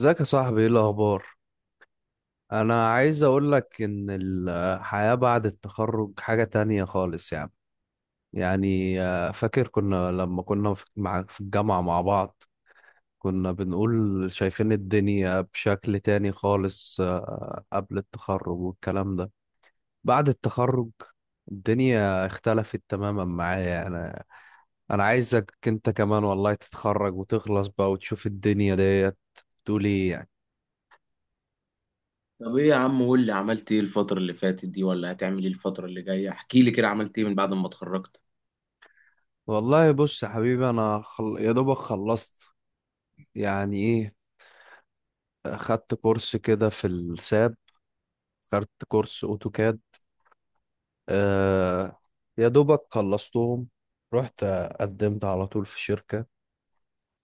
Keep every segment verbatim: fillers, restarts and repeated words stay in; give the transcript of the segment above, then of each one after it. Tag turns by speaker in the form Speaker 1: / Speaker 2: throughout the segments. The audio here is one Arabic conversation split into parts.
Speaker 1: ازيك يا صاحبي؟ ايه الاخبار؟ انا عايز اقول لك ان الحياة بعد التخرج حاجة تانية خالص يعني يعني آه، فاكر كنا لما كنا في مع في الجامعة مع بعض، كنا بنقول شايفين الدنيا بشكل تاني خالص آه، قبل التخرج والكلام ده. بعد التخرج الدنيا اختلفت تماما معايا انا. انا عايزك انت كمان والله تتخرج وتخلص بقى وتشوف الدنيا ديت. تقول ايه يعني؟
Speaker 2: طب، ايه يا عم؟ قول لي، عملت ايه الفترة اللي فاتت دي، ولا هتعمل ايه الفترة اللي جاية؟ احكي لي كده، عملت ايه من بعد ما اتخرجت؟
Speaker 1: والله بص يا حبيبي، انا خل... يا دوبك خلصت. يعني ايه، خدت كورس كده في الساب، خدت كورس اوتوكاد، آه... يا دوبك خلصتهم. رحت، قدمت على طول في شركة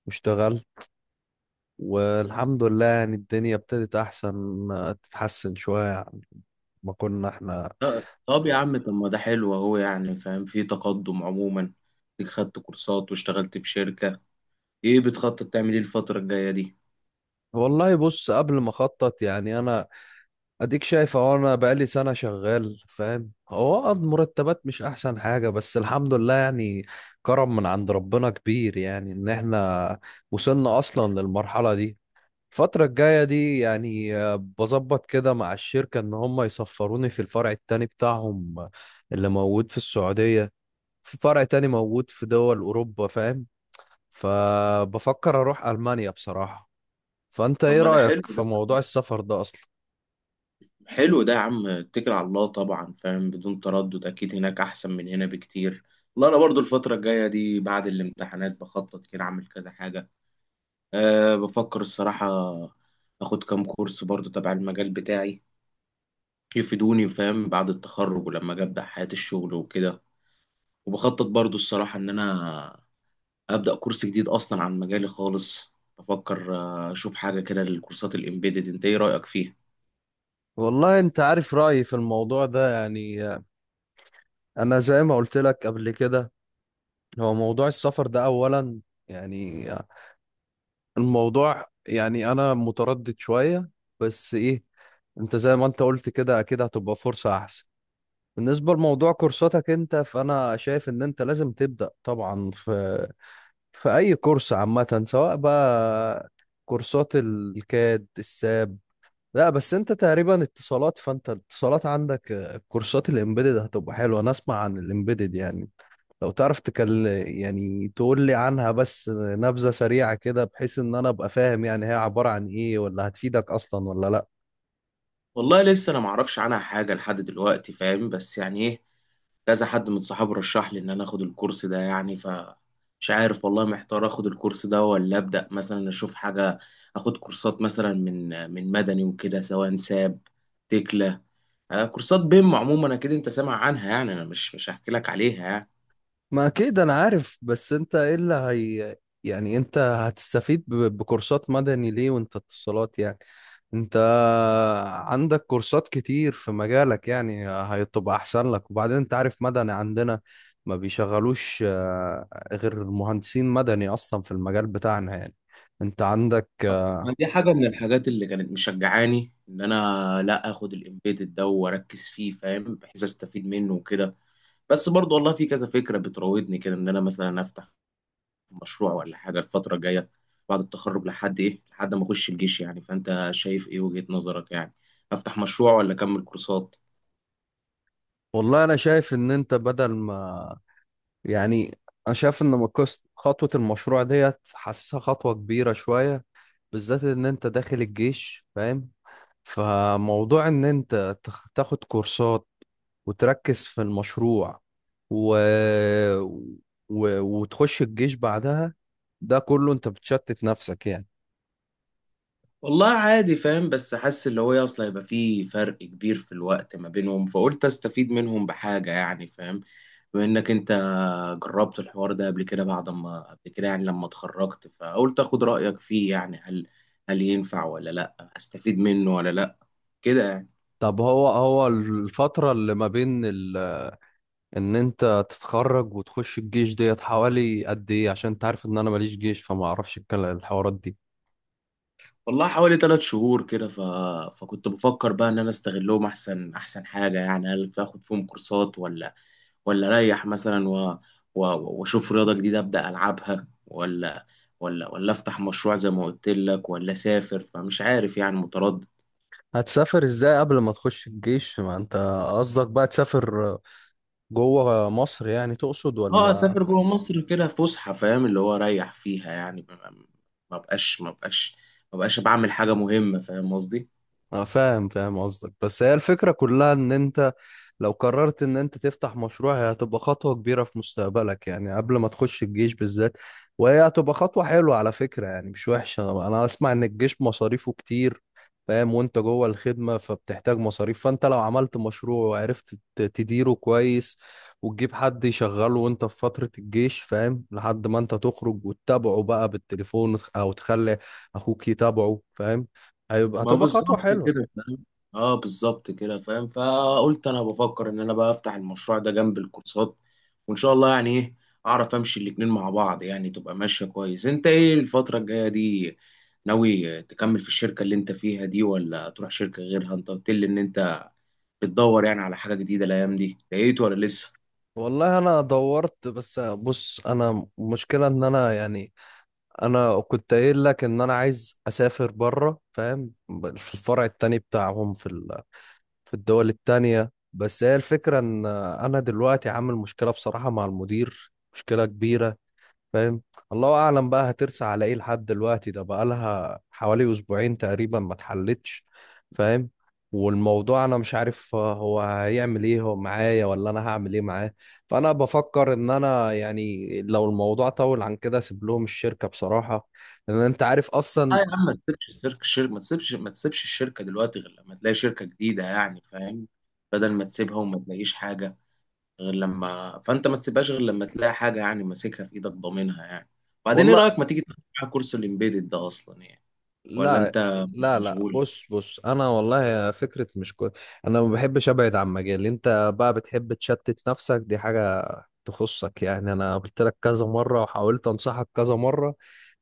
Speaker 1: واشتغلت. والحمد لله يعني الدنيا ابتدت احسن آه، تتحسن شوية عن ما كنا احنا.
Speaker 2: ط- طب يا عم، طب ما ده حلو اهو، يعني فاهم، في تقدم عموما، إنك خدت كورسات واشتغلت في شركة. ايه بتخطط تعمل ايه الفترة الجاية دي؟
Speaker 1: والله بص قبل ما اخطط يعني انا، اديك شايف اهو، انا بقالي سنة شغال فاهم. هو اه المرتبات مش احسن حاجة بس الحمد لله يعني كرم من عند ربنا كبير يعني ان احنا وصلنا اصلا للمرحلة دي. الفترة الجاية دي يعني آه، بظبط كده مع الشركة ان هم يسفروني في الفرع التاني بتاعهم اللي موجود في السعودية. في فرع تاني موجود في دول اوروبا فاهم، فبفكر اروح المانيا بصراحة. فانت
Speaker 2: طب
Speaker 1: ايه
Speaker 2: ما ده
Speaker 1: رأيك
Speaker 2: حلو
Speaker 1: في
Speaker 2: ده
Speaker 1: موضوع السفر ده اصلا؟
Speaker 2: حلو ده يا عم، اتكل على الله طبعا، فاهم، بدون تردد اكيد هناك احسن من هنا بكتير. والله انا برضو الفترة الجاية دي بعد الامتحانات بخطط كده اعمل كذا حاجة. أه، بفكر الصراحة اخد كام كورس برضو تبع المجال بتاعي، يفيدوني فاهم، بعد التخرج ولما اجي ابدا حياه الشغل وكده. وبخطط برضو الصراحه ان انا ابدا كورس جديد اصلا عن مجالي خالص، بفكر آه، اشوف حاجه كده للكورسات الامبيدد. انت ايه رايك فيها؟
Speaker 1: والله انت عارف رأيي في الموضوع ده يعني، انا زي ما قلت لك قبل كده. هو موضوع السفر ده اولا، يعني الموضوع، يعني انا متردد شوية بس ايه، انت زي ما انت قلت كده اكيد هتبقى فرصة احسن. بالنسبة لموضوع كورساتك انت، فانا شايف ان انت لازم تبدأ طبعا في في اي كورس عامة سواء بقى كورسات الكاد الساب. لا بس انت تقريبا اتصالات، فانت الاتصالات عندك آه، كورسات الامبيدد هتبقى حلوه. انا اسمع عن الامبيدد يعني، لو تعرف تكل يعني تقول لي عنها بس نبذه سريعه كده بحيث ان انا ابقى فاهم يعني هي عباره عن ايه، ولا هتفيدك اصلا ولا لا؟
Speaker 2: والله لسه انا معرفش عنها حاجه لحد دلوقتي، فاهم، بس يعني ايه، كذا حد من صحابي رشح لي ان انا اخد الكورس ده يعني. ف مش عارف والله، محتار اخد الكورس ده ولا ابدا مثلا اشوف حاجه، اخد كورسات مثلا من من مدني وكده، سواء ساب، تكلا، آه، كورسات بيم عموما. اكيد انت سامع عنها، يعني انا مش مش هحكي لك عليها يعني.
Speaker 1: ما اكيد انا عارف، بس انت ايه اللي هي، يعني انت هتستفيد ب- بكورسات مدني ليه وانت اتصالات يعني؟ انت عندك كورسات كتير في مجالك يعني هتبقى احسن لك. وبعدين انت عارف مدني عندنا ما بيشغلوش آه، غير مهندسين مدني اصلا في المجال بتاعنا يعني. انت عندك آه،
Speaker 2: ما دي حاجه من الحاجات اللي كانت مشجعاني ان انا لا اخد الامبيدد ده واركز فيه، فاهم، بحيث استفيد منه وكده. بس برضه والله في كذا فكره بتراودني كده، ان انا مثلا افتح مشروع ولا حاجة الفترة الجاية بعد التخرج، لحد إيه لحد ما أخش الجيش يعني. فأنت شايف إيه وجهة نظرك يعني؟ أفتح مشروع ولا أكمل كورسات؟
Speaker 1: والله انا شايف ان انت بدل ما، يعني، انا شايف ان مقص- خطوة المشروع ديت حاسسها خطوة كبيرة شوية بالذات ان انت داخل الجيش فاهم. فموضوع ان انت تخ- تاخد كورسات وتركز في المشروع و... و... وتخش الجيش بعدها، ده كله انت بتشتت نفسك يعني.
Speaker 2: والله عادي فاهم، بس حاسس اللي هو إيه، أصل هيبقى في فرق كبير في الوقت ما بينهم، فقلت أستفيد منهم بحاجة يعني فاهم. بما إنك أنت جربت الحوار ده قبل كده، بعد ما قبل كده يعني لما اتخرجت، فقلت أخد رأيك فيه يعني، هل هل ينفع ولا لأ؟ أستفيد منه ولا لأ؟ كده يعني.
Speaker 1: طب هو هو الفترة اللي ما بين ال... ان انت تتخرج وتخش الجيش ديت حوالي قد ايه؟ عشان انت عارف ان انا ماليش جيش فما اعرفش الكل- الحوارات دي.
Speaker 2: والله حوالي ثلاث شهور كده، ف... فكنت بفكر بقى ان انا استغلهم احسن احسن حاجه يعني، هل في اخد فيهم كورسات، ولا ولا اريح مثلا، و... و... واشوف رياضه جديده ابدا العبها، ولا ولا ولا افتح مشروع زي ما قلت لك، ولا اسافر؟ فمش عارف يعني، متردد.
Speaker 1: هتسافر ازاي قبل ما تخش الجيش ما انت، قصدك بقى تسافر جوه مصر يعني تقصد
Speaker 2: اه،
Speaker 1: ولا؟
Speaker 2: اسافر جوه مصر كده فسحه، فاهم، اللي هو اريح فيها يعني. ما ما- ما بقاش ما بقاش ما بقاش بعمل حاجه مهمه، فاهم قصدي.
Speaker 1: أنا فاهم فاهم قصدك، بس هي الفكرة كلها ان انت لو قررت ان انت تفتح مشروع هي هتبقى خطوة كبيرة في مستقبلك يعني قبل ما تخش الجيش بالذات. وهي هتبقى خطوة حلوة على فكرة يعني مش وحشة. انا اسمع ان الجيش مصاريفه كتير فاهم، وانت جوه الخدمة فبتحتاج مصاريف. فانت لو عملت مشروع وعرفت ت- تديره كويس وتجيب حد يشغله وانت في فترة الجيش فاهم لحد ما انت تخرج وتتابعه بقى بالتليفون او تخلي اخوك يتابعه فاهم. هيبقى
Speaker 2: ما
Speaker 1: هتبقى خطوة
Speaker 2: بالظبط
Speaker 1: حلوة.
Speaker 2: كده فاهم، اه بالظبط كده فاهم، فقلت انا بفكر ان انا بقى افتح المشروع ده جنب الكورسات، وان شاء الله يعني ايه، اعرف امشي الاتنين مع بعض يعني، تبقى ماشية كويس. انت ايه الفترة الجاية دي؟ ناوي تكمل في الشركة اللي انت فيها دي، ولا تروح شركة غيرها؟ انت قلت لي ان انت بتدور يعني على حاجة جديدة الايام دي، لقيت ولا لسه؟
Speaker 1: والله انا دورت، بس بص، انا مشكلة ان انا يعني، انا كنت قايل لك ان انا عايز اسافر بره فاهم، في الفرع التاني بتاعهم في ال- في الدول التانية. بس هي الفكرة ان انا دلوقتي عامل مشكلة بصراحة مع المدير، مشكلة كبيرة فاهم. الله اعلم بقى هترسى على ايه لحد دلوقتي، ده بقالها حوالي اسبوعين تقريبا ما اتحلتش فاهم. والموضوع انا مش عارف هو هيعمل ايه هو معايا ولا انا هعمل ايه معاه. فانا بفكر ان انا يعني لو الموضوع طول عن كده اسيب لهم الشركة بصراحة، لان انت عارف
Speaker 2: اه
Speaker 1: اصلا.
Speaker 2: يا عم، ما تسيبش الشركة، الشركة ما تسيبش ما تسيبش الشركة دلوقتي غير لما تلاقي شركة جديدة يعني فاهم، بدل ما تسيبها وما تلاقيش حاجة. غير لما فانت ما تسيبهاش غير لما تلاقي حاجه يعني، ماسكها في ايدك ضامنها يعني. بعدين ايه
Speaker 1: والله
Speaker 2: رايك ما تيجي تاخد معايا كورس الامبيدد ده اصلا يعني؟ ولا
Speaker 1: لا،
Speaker 2: انت
Speaker 1: لا، لا،
Speaker 2: مشغول؟
Speaker 1: بص بص انا والله فكرة مش كويس. انا ما بحبش ابعد عن مجالي. انت بقى بتحب تشتت نفسك، دي حاجة تخصك يعني. انا قلت لك كذا مره وحاولت انصحك كذا مره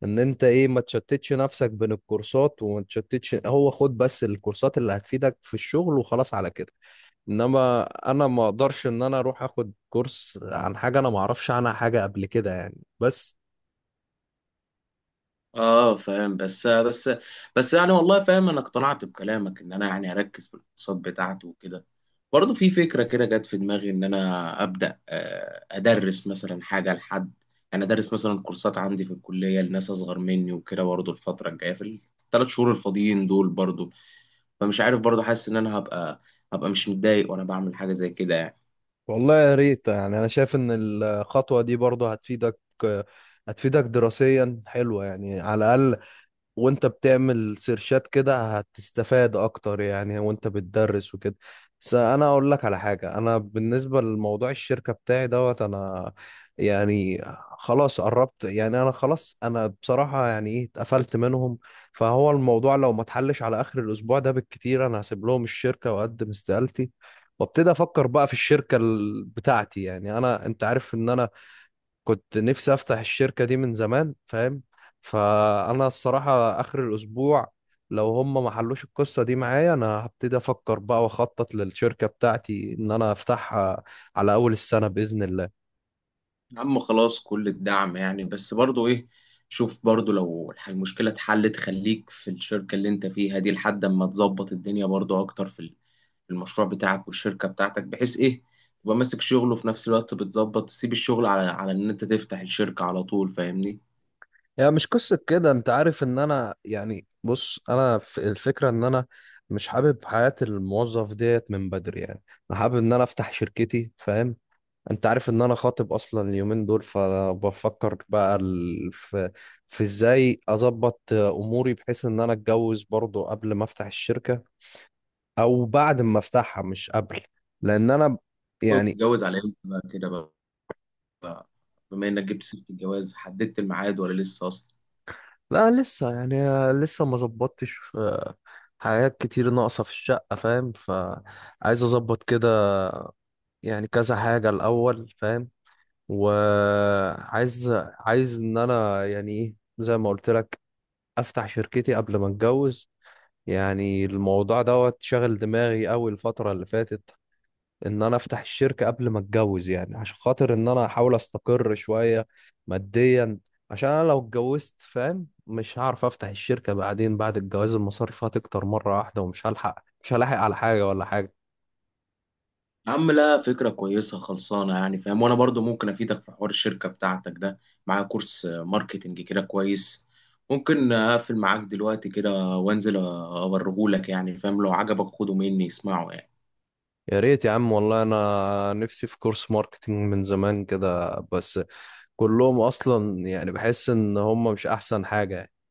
Speaker 1: ان انت ايه، ما تشتتش نفسك بين الكورسات، وما تشتتش هو خد بس الكورسات اللي هتفيدك في الشغل وخلاص على كده. انما انا ما اقدرش ان انا اروح اخد كورس عن حاجه انا ما اعرفش عنها حاجه قبل كده يعني بس.
Speaker 2: اه فاهم، بس بس بس يعني والله فاهم، انا اقتنعت بكلامك ان انا يعني اركز في الاقتصاد بتاعته وكده. برضه في فكره كده جت في دماغي ان انا ابدا آه، ادرس مثلا حاجه، لحد يعني، ادرس مثلا كورسات عندي في الكليه لناس اصغر مني وكده برضه الفتره الجايه في الثلاث شهور الفاضيين دول برضه. فمش عارف، برضه حاسس ان انا هبقى هبقى مش متضايق وانا بعمل حاجه زي كده يعني.
Speaker 1: والله يا ريت، يعني انا شايف ان الخطوه دي برضه هتفيدك. هتفيدك دراسيا حلوة يعني على الاقل. وانت بتعمل سيرشات كده هتستفاد اكتر يعني وانت بتدرس وكده. بس انا اقول لك على حاجة، انا بالنسبة لموضوع الشركة بتاعي دوت، انا يعني خلاص قربت يعني انا خلاص. انا بصراحة يعني ايه اتقفلت منهم. فهو الموضوع لو ما اتحلش على اخر الاسبوع ده بالكتير انا هسيب لهم الشركة واقدم استقالتي، وابتدي افكر بقى في الشركة ال- بتاعتي. يعني انا، انت عارف ان انا كنت نفسي افتح الشركة دي من زمان فاهم. فانا الصراحة اخر الاسبوع لو هم ما حلوش القصة دي معايا، انا هبتدي افكر بقى واخطط للشركة بتاعتي ان انا افتحها على اول السنة باذن الله.
Speaker 2: يا عم خلاص، كل الدعم يعني، بس برضه ايه، شوف برضه، لو الح- المشكله اتحلت خليك في الشركه اللي انت فيها دي لحد اما تظبط الدنيا برضه اكتر في ال- في المشروع بتاعك والشركه بتاعتك، بحيث ايه، تبقى ماسك شغله، وفي نفس الوقت بتظبط تسيب الشغل، على على ان انت تفتح الشركه على طول، فاهمني؟
Speaker 1: يعني مش قصة كده، انت عارف ان انا يعني بص، انا في الفكرة ان انا مش حابب حياة الموظف ديت من بدري يعني. انا حابب ان انا افتح شركتي فاهم. انت عارف ان انا خاطب اصلا اليومين دول، فبفكر بقى ال... في في ازاي اظبط اموري بحيث ان انا اتجوز برضو قبل ما افتح الشركة او بعد ما افتحها مش قبل. لان انا يعني،
Speaker 2: وتتجوز على امتى بقى كده بقى بقى- بما انك جبت سيره الجواز، حددت الميعاد ولا لسه اصلا؟
Speaker 1: لا لسه يعني، لسه ما ظبطتش آه، حاجات كتير ناقصة في الشقة فاهم، فعايز اظبط كده يعني كذا حاجة الاول فاهم. وعايز عايز ان انا يعني ايه، زي ما قلت لك افتح شركتي قبل ما اتجوز. يعني الموضوع دوت شغل دماغي أوي الفترة اللي فاتت، إن أنا أفتح الشركة قبل ما أتجوز، يعني عشان خاطر إن أنا أحاول أستقر شوية ماديا، عشان أنا لو اتجوزت فاهم مش هعرف أفتح الشركة بعدين. بعد الجواز المصاريف هتكتر مرة واحدة ومش هلحق مش هلاحق على حاجة ولا حاجة.
Speaker 2: يا عم لا، فكرة كويسة خلصانة يعني فاهم. وأنا برضو ممكن أفيدك في حوار الشركة بتاعتك ده، معايا كورس آه، ماركتينج كده كويس، ممكن أقفل معاك دلوقتي كده وأنزل أوريهولك يعني فاهم، لو عجبك خده مني اسمعه يعني.
Speaker 1: يا ريت يا عم، والله أنا نفسي في كورس ماركتينج من زمان كده، بس كلهم أصلا يعني بحس إن هم مش أحسن حاجة.